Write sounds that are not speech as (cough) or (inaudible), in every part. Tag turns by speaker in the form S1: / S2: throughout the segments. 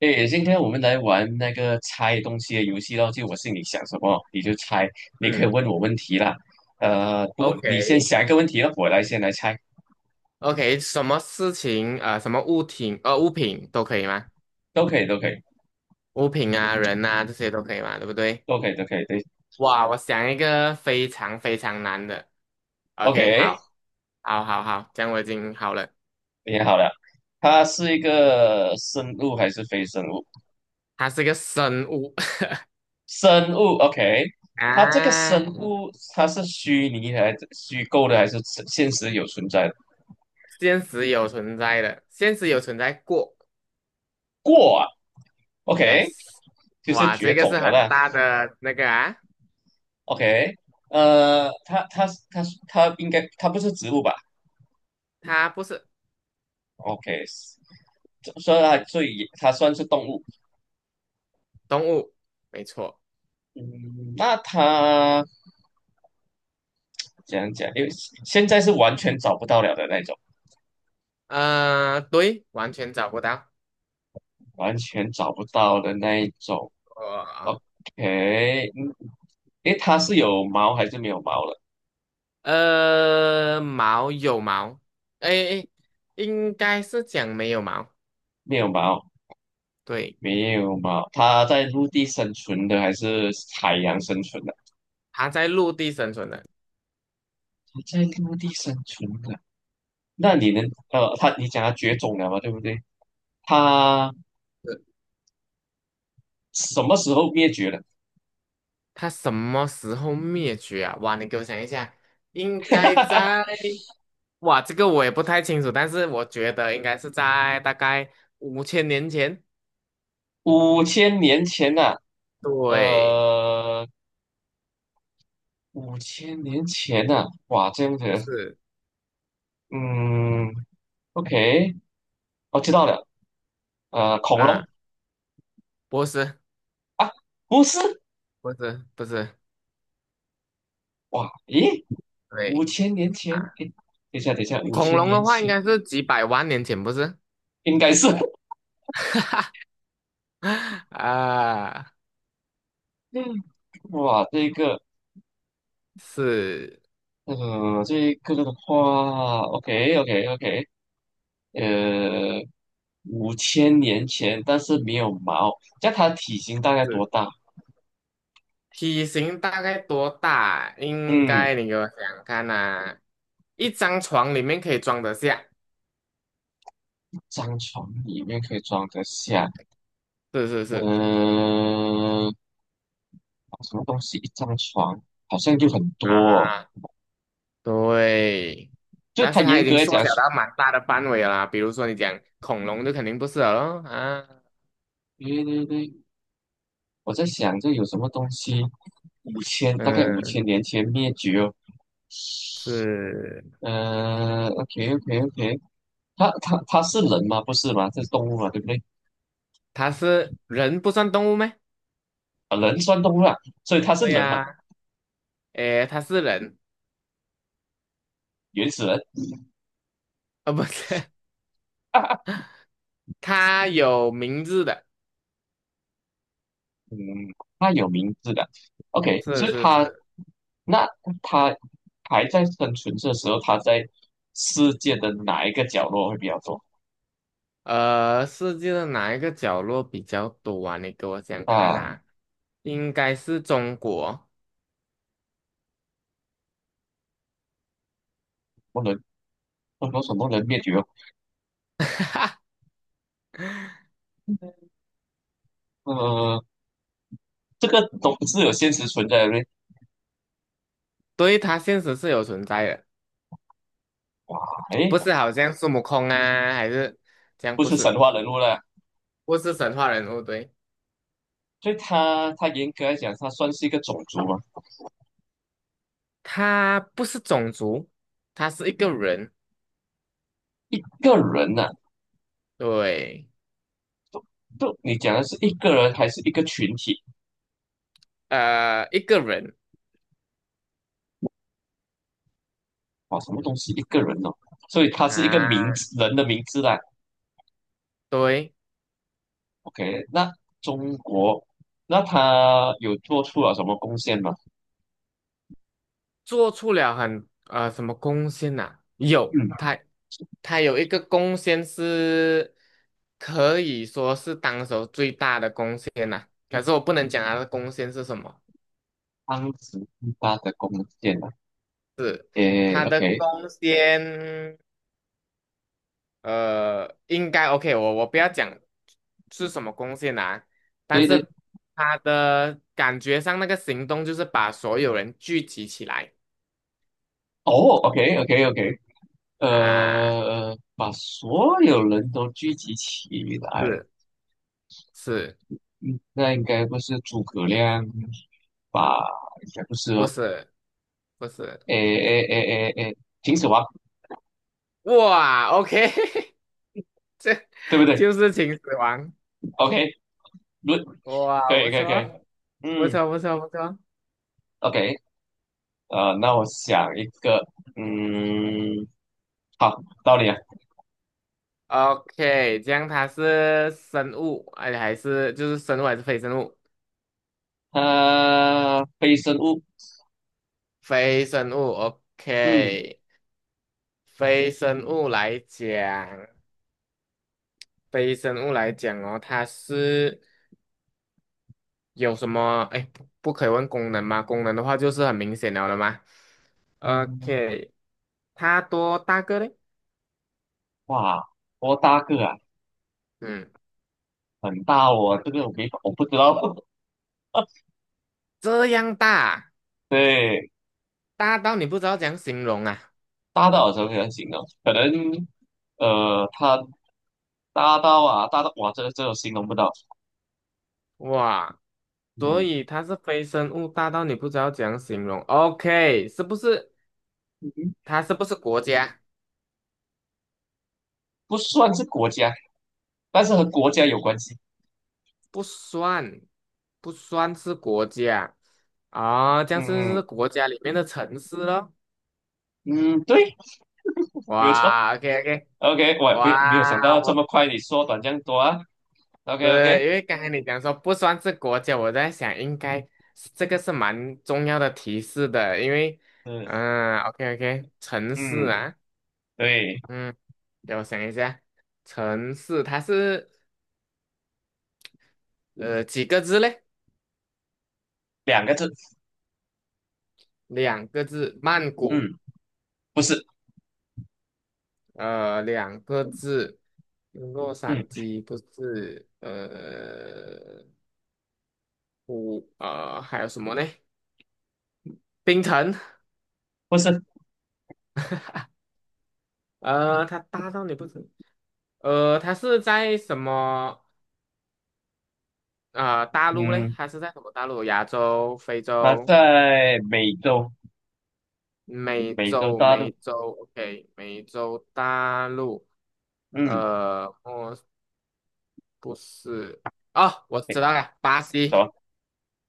S1: 诶，今天我们来玩那个猜东西的游戏咯，就我心里想什么你就猜，你可以
S2: 嗯
S1: 问我问题啦。不过你先
S2: ，OK
S1: 想一个问题了我来先来猜，
S2: OK，什么事情啊、什么物品物品都可以吗？
S1: 都可以，都可以，
S2: 物品啊、人啊这些都可以吗？对不对？
S1: 都可以，都可以，对
S2: 哇，我想一个非常非常难的。OK，
S1: ，OK，
S2: 好，好，好，好，这样我已经好了。
S1: 你好了，它是一个生物还是非生物？
S2: 它是个生物
S1: 生物，OK，
S2: (laughs)
S1: 它这个生
S2: 啊，
S1: 物它是虚拟还是虚构的，还是真现实有存在的
S2: 现实有存在的，现实有存在过。
S1: 过啊，OK，
S2: Yes，
S1: 就是
S2: 哇，
S1: 绝
S2: 这个
S1: 种
S2: 是
S1: 了
S2: 很
S1: 啦。
S2: 大的那个啊，
S1: OK，呃，它它它它应该它不是植物吧
S2: 它不是
S1: ？OK，所以它算是动物。
S2: 动物，没错。
S1: 嗯，那它讲讲？因为现在是完全找不到了的那种，
S2: 对，完全找不到。
S1: 完全找不到的那一种。
S2: 哇
S1: OK，嗯，诶，它是有毛还是没有毛了？
S2: 毛有毛，哎哎，应该是讲没有毛。
S1: 没有毛，
S2: 对，
S1: 没有毛。它在陆地生存的还是海洋生存的？
S2: 它在陆地生存的，
S1: 它在陆地生存的。那你能你讲它绝种了嘛？对不对？它什么时候灭绝的？
S2: 它什么时候灭绝啊？哇，你给我想一下，应该在，哇，这个我也不太清楚，但是我觉得应该是在大概5000年前。
S1: 五千年前呐、
S2: 对，
S1: 呃，五千年前呐、哇，这样子，
S2: 是
S1: 嗯，OK，我知道了，恐
S2: 啊，
S1: 龙
S2: 不是，
S1: 啊，不是，
S2: 不是，不是，
S1: 哇，咦，五
S2: 对
S1: 千年前，
S2: 啊，
S1: 诶，等一下，等一下，五
S2: 恐
S1: 千
S2: 龙
S1: 年
S2: 的话应
S1: 前
S2: 该是几百万年前，不是？
S1: 应该是，(laughs)
S2: (laughs) 啊，
S1: 嗯，哇，这个，
S2: 是。
S1: 这个的话，OK，OK，OK，呃，五千年前，但是没有毛，那它体型大概多
S2: 是
S1: 大？
S2: 体型大概多大？应
S1: 嗯，
S2: 该你给我想想看呐、一张床里面可以装得下，
S1: 张床里面可以装得下，
S2: 是是是
S1: 嗯、什么东西？一张床好像就很多哦
S2: 啊，对。
S1: 就
S2: 但
S1: 它
S2: 是它
S1: 严
S2: 已经
S1: 格来
S2: 缩
S1: 讲
S2: 小
S1: 是，
S2: 到蛮大的范围了啦，比如说你讲恐龙就肯定不是了咯啊，
S1: 对对对，我在想这有什么东西，大概五
S2: 嗯，
S1: 千年前灭绝哦
S2: 是，
S1: 嗯、o k OK OK，他是人吗？不是吗？这是动物嘛，对不对？
S2: 它是人不算动物咩？
S1: 啊，人算动物啊，所以他是
S2: 对
S1: 人嘛，
S2: 呀、诶，它是人，
S1: 原始人
S2: 啊，不是，
S1: 啊。
S2: (laughs) 它有名字的，
S1: 嗯，他有名字的。OK，
S2: 是
S1: 所以
S2: 是
S1: 他
S2: 是，
S1: 那他还在生存的时候，他在世界的哪一个角落会比较多？
S2: 呃，世界的哪一个角落比较多啊？你给我讲看
S1: 啊，
S2: 啊，应该是中国，
S1: 不能，不能什么人灭绝哦？
S2: (laughs)
S1: 呃，这个都是有现实存在的嘞。
S2: 对，它现实是有存在的，
S1: 哎，
S2: 不是好像孙悟空啊，还是这样？
S1: 不
S2: 不
S1: 是
S2: 是，
S1: 神话人物了，
S2: 不是神话人物，对，
S1: 所以他严格来讲，他算是一个种族嘛。
S2: 他不是种族，他是一个人，
S1: 一个人呢、
S2: 对，
S1: 就你讲的是一个人还是一个群体？
S2: 一个人
S1: 啊？什么东西一个人哦？所以他是一个
S2: 啊，
S1: 名字，人的名字啦。
S2: 对。
S1: OK，那中国，那他有做出了什么贡献吗？
S2: 做出了很什么贡献呐、有，
S1: 嗯，
S2: 他有一个贡献是可以说是当时候最大的贡献呐、可是我不能讲他的贡献是什么，
S1: 当时最大的贡献啊，诶
S2: 他的
S1: ，OK，
S2: 贡献应该 OK，我不要讲是什么贡献啊，但
S1: 对对，
S2: 是他的感觉上那个行动就是把所有人聚集起来
S1: 哦，OK，OK，OK，
S2: 啊，
S1: 把所有人都聚集起来，
S2: 是是，
S1: 嗯，那应该不是诸葛亮吧？应该不是
S2: 不
S1: 哦，
S2: 是不是，
S1: 诶诶诶诶诶，秦始皇，
S2: 哇，OK。(laughs)
S1: 对不对
S2: 就是秦始皇。
S1: ？OK，论，
S2: 哇，
S1: 可
S2: 不
S1: 以可以可
S2: 错，
S1: 以，
S2: 不
S1: 嗯
S2: 错，不错，不错。
S1: ，OK，那我想一个，嗯。好，道理啊。
S2: OK，这样它是生物，哎，还是就是生物还是非生物？
S1: 非生物，
S2: 非生物
S1: 嗯
S2: ，OK。非生物来讲，非生物来讲哦，它是有什么？哎，不可以问功能吗？功能的话就是很明显了的嘛。
S1: 嗯，
S2: OK，它多大个嘞？
S1: 哇，多大个啊？
S2: 嗯，
S1: 很大哦，这个我没法，我不知道。(laughs)
S2: 这样大，
S1: 对，
S2: 大到你不知道怎样形容啊！
S1: 大到什么样形容？可能，它大到啊，大到哇，这个这个形容不到。
S2: 哇。所
S1: 嗯，
S2: 以它是非生物大到你不知道怎样形容。OK，是不是？
S1: 嗯
S2: 它是不是国家？
S1: 不算是国家，但是和国家有关系。
S2: 不算，不算是国家啊、这样
S1: 嗯嗯
S2: 是国家里面的城市咯。
S1: 嗯，对，没有错。
S2: 哇，OK OK，
S1: OK，我也没有想
S2: 哇，
S1: 到这
S2: 我
S1: 么快你缩短这样多啊。OK OK，
S2: 因为刚才你讲说不算是国家，我在想应该是这个是蛮重要的提示的，因为
S1: 嗯
S2: 嗯、o k OK，城市
S1: 嗯，
S2: 啊，
S1: 对，
S2: 嗯，给我想一下，城市它是几个字嘞？
S1: 两个字，
S2: 两个字，曼谷，
S1: 嗯，不是，
S2: 两个字，洛
S1: 嗯。
S2: 杉矶不是，呃，湖，呃，还有什么呢？冰城，
S1: 不是，
S2: 呃，它大到你不知，呃，它是在什么，大陆嘞？
S1: 嗯，
S2: 它是在什么大陆？亚洲、非
S1: 他
S2: 洲、
S1: 在美洲，
S2: 美
S1: 美洲
S2: 洲、
S1: 大
S2: 美
S1: 陆，
S2: 洲，OK，美洲大陆，
S1: 嗯，
S2: 呃，哦，不是，哦，我
S1: 诶
S2: 知道了，巴
S1: 什
S2: 西。
S1: 么？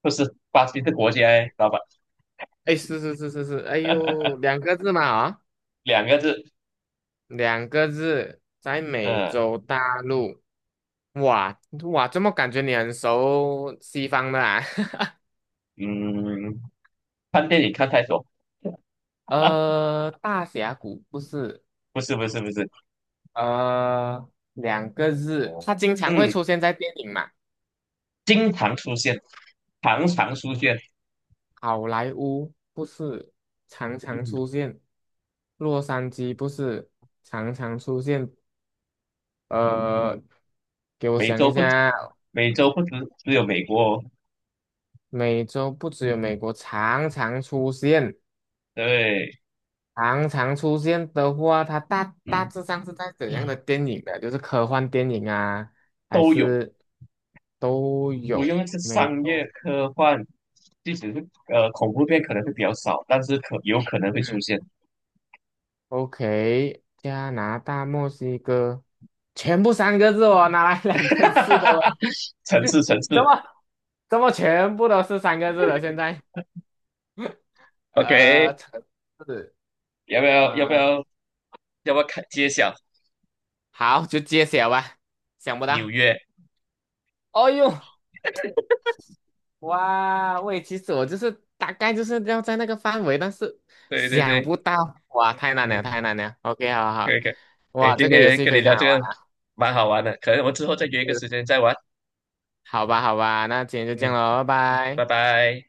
S1: 不是，巴西是国家诶，老板，
S2: 哎，是是是是是，哎呦，2个字嘛啊，
S1: 两个字，
S2: 两个字，在美
S1: 呃，
S2: 洲大陆，哇哇，怎么感觉你很熟西方的啊？
S1: 嗯，看电影看太多，
S2: (laughs) 大峡谷不是，
S1: 不是，不是，不是，
S2: 两个字，它经常会
S1: 嗯，
S2: 出现在电影嘛，
S1: 经常出现，常常出现，
S2: 好莱坞不是，常常
S1: 嗯，
S2: 出现，洛杉矶不是，常常出现，呃，给我
S1: 美
S2: 想
S1: 洲
S2: 一
S1: 不，
S2: 下，
S1: 美洲不只有美国哦，
S2: 美洲不只有美国常常出现，
S1: 对，
S2: 常常出现的话，它大大
S1: 嗯
S2: 致上是在怎样的电影的？就是科幻电影啊，还
S1: 都有，
S2: 是都
S1: 我用
S2: 有
S1: 的是
S2: 美
S1: 商业
S2: 洲？
S1: 科幻，即使是恐怖片可能会比较少，但是可有可能会出
S2: 嗯
S1: 现。
S2: ，OK，加拿大、墨西哥，全部三个字哦，哪来两
S1: (laughs) 哈
S2: 个
S1: 哈
S2: 字的
S1: 哈哈
S2: 喂？
S1: 城市，
S2: (laughs)
S1: 城
S2: 怎
S1: 市
S2: 么怎么全部都是三个字的？现在
S1: o k
S2: 城市
S1: 要不要要不
S2: 呃，
S1: 要要不要看揭晓
S2: 好，就揭晓吧，想不
S1: 纽
S2: 到。
S1: 约？
S2: 哦呦，哇，喂，其实我就是大概就是要在那个范围，但是
S1: 对对
S2: 想
S1: 对，
S2: 不到，哇，太难
S1: 嗯，
S2: 了，太难了。OK，好
S1: 可
S2: 好，
S1: 以可以，哎，
S2: 哇，
S1: 今
S2: 这个游
S1: 天
S2: 戏
S1: 跟你
S2: 非
S1: 聊
S2: 常
S1: 这
S2: 好玩
S1: 个
S2: 啊，
S1: 蛮好玩的，可能我们之后再约一个时
S2: 是
S1: 间再玩，
S2: 好吧，好吧，那今天就这样
S1: 嗯，
S2: 喽，拜
S1: 拜
S2: 拜。
S1: 拜。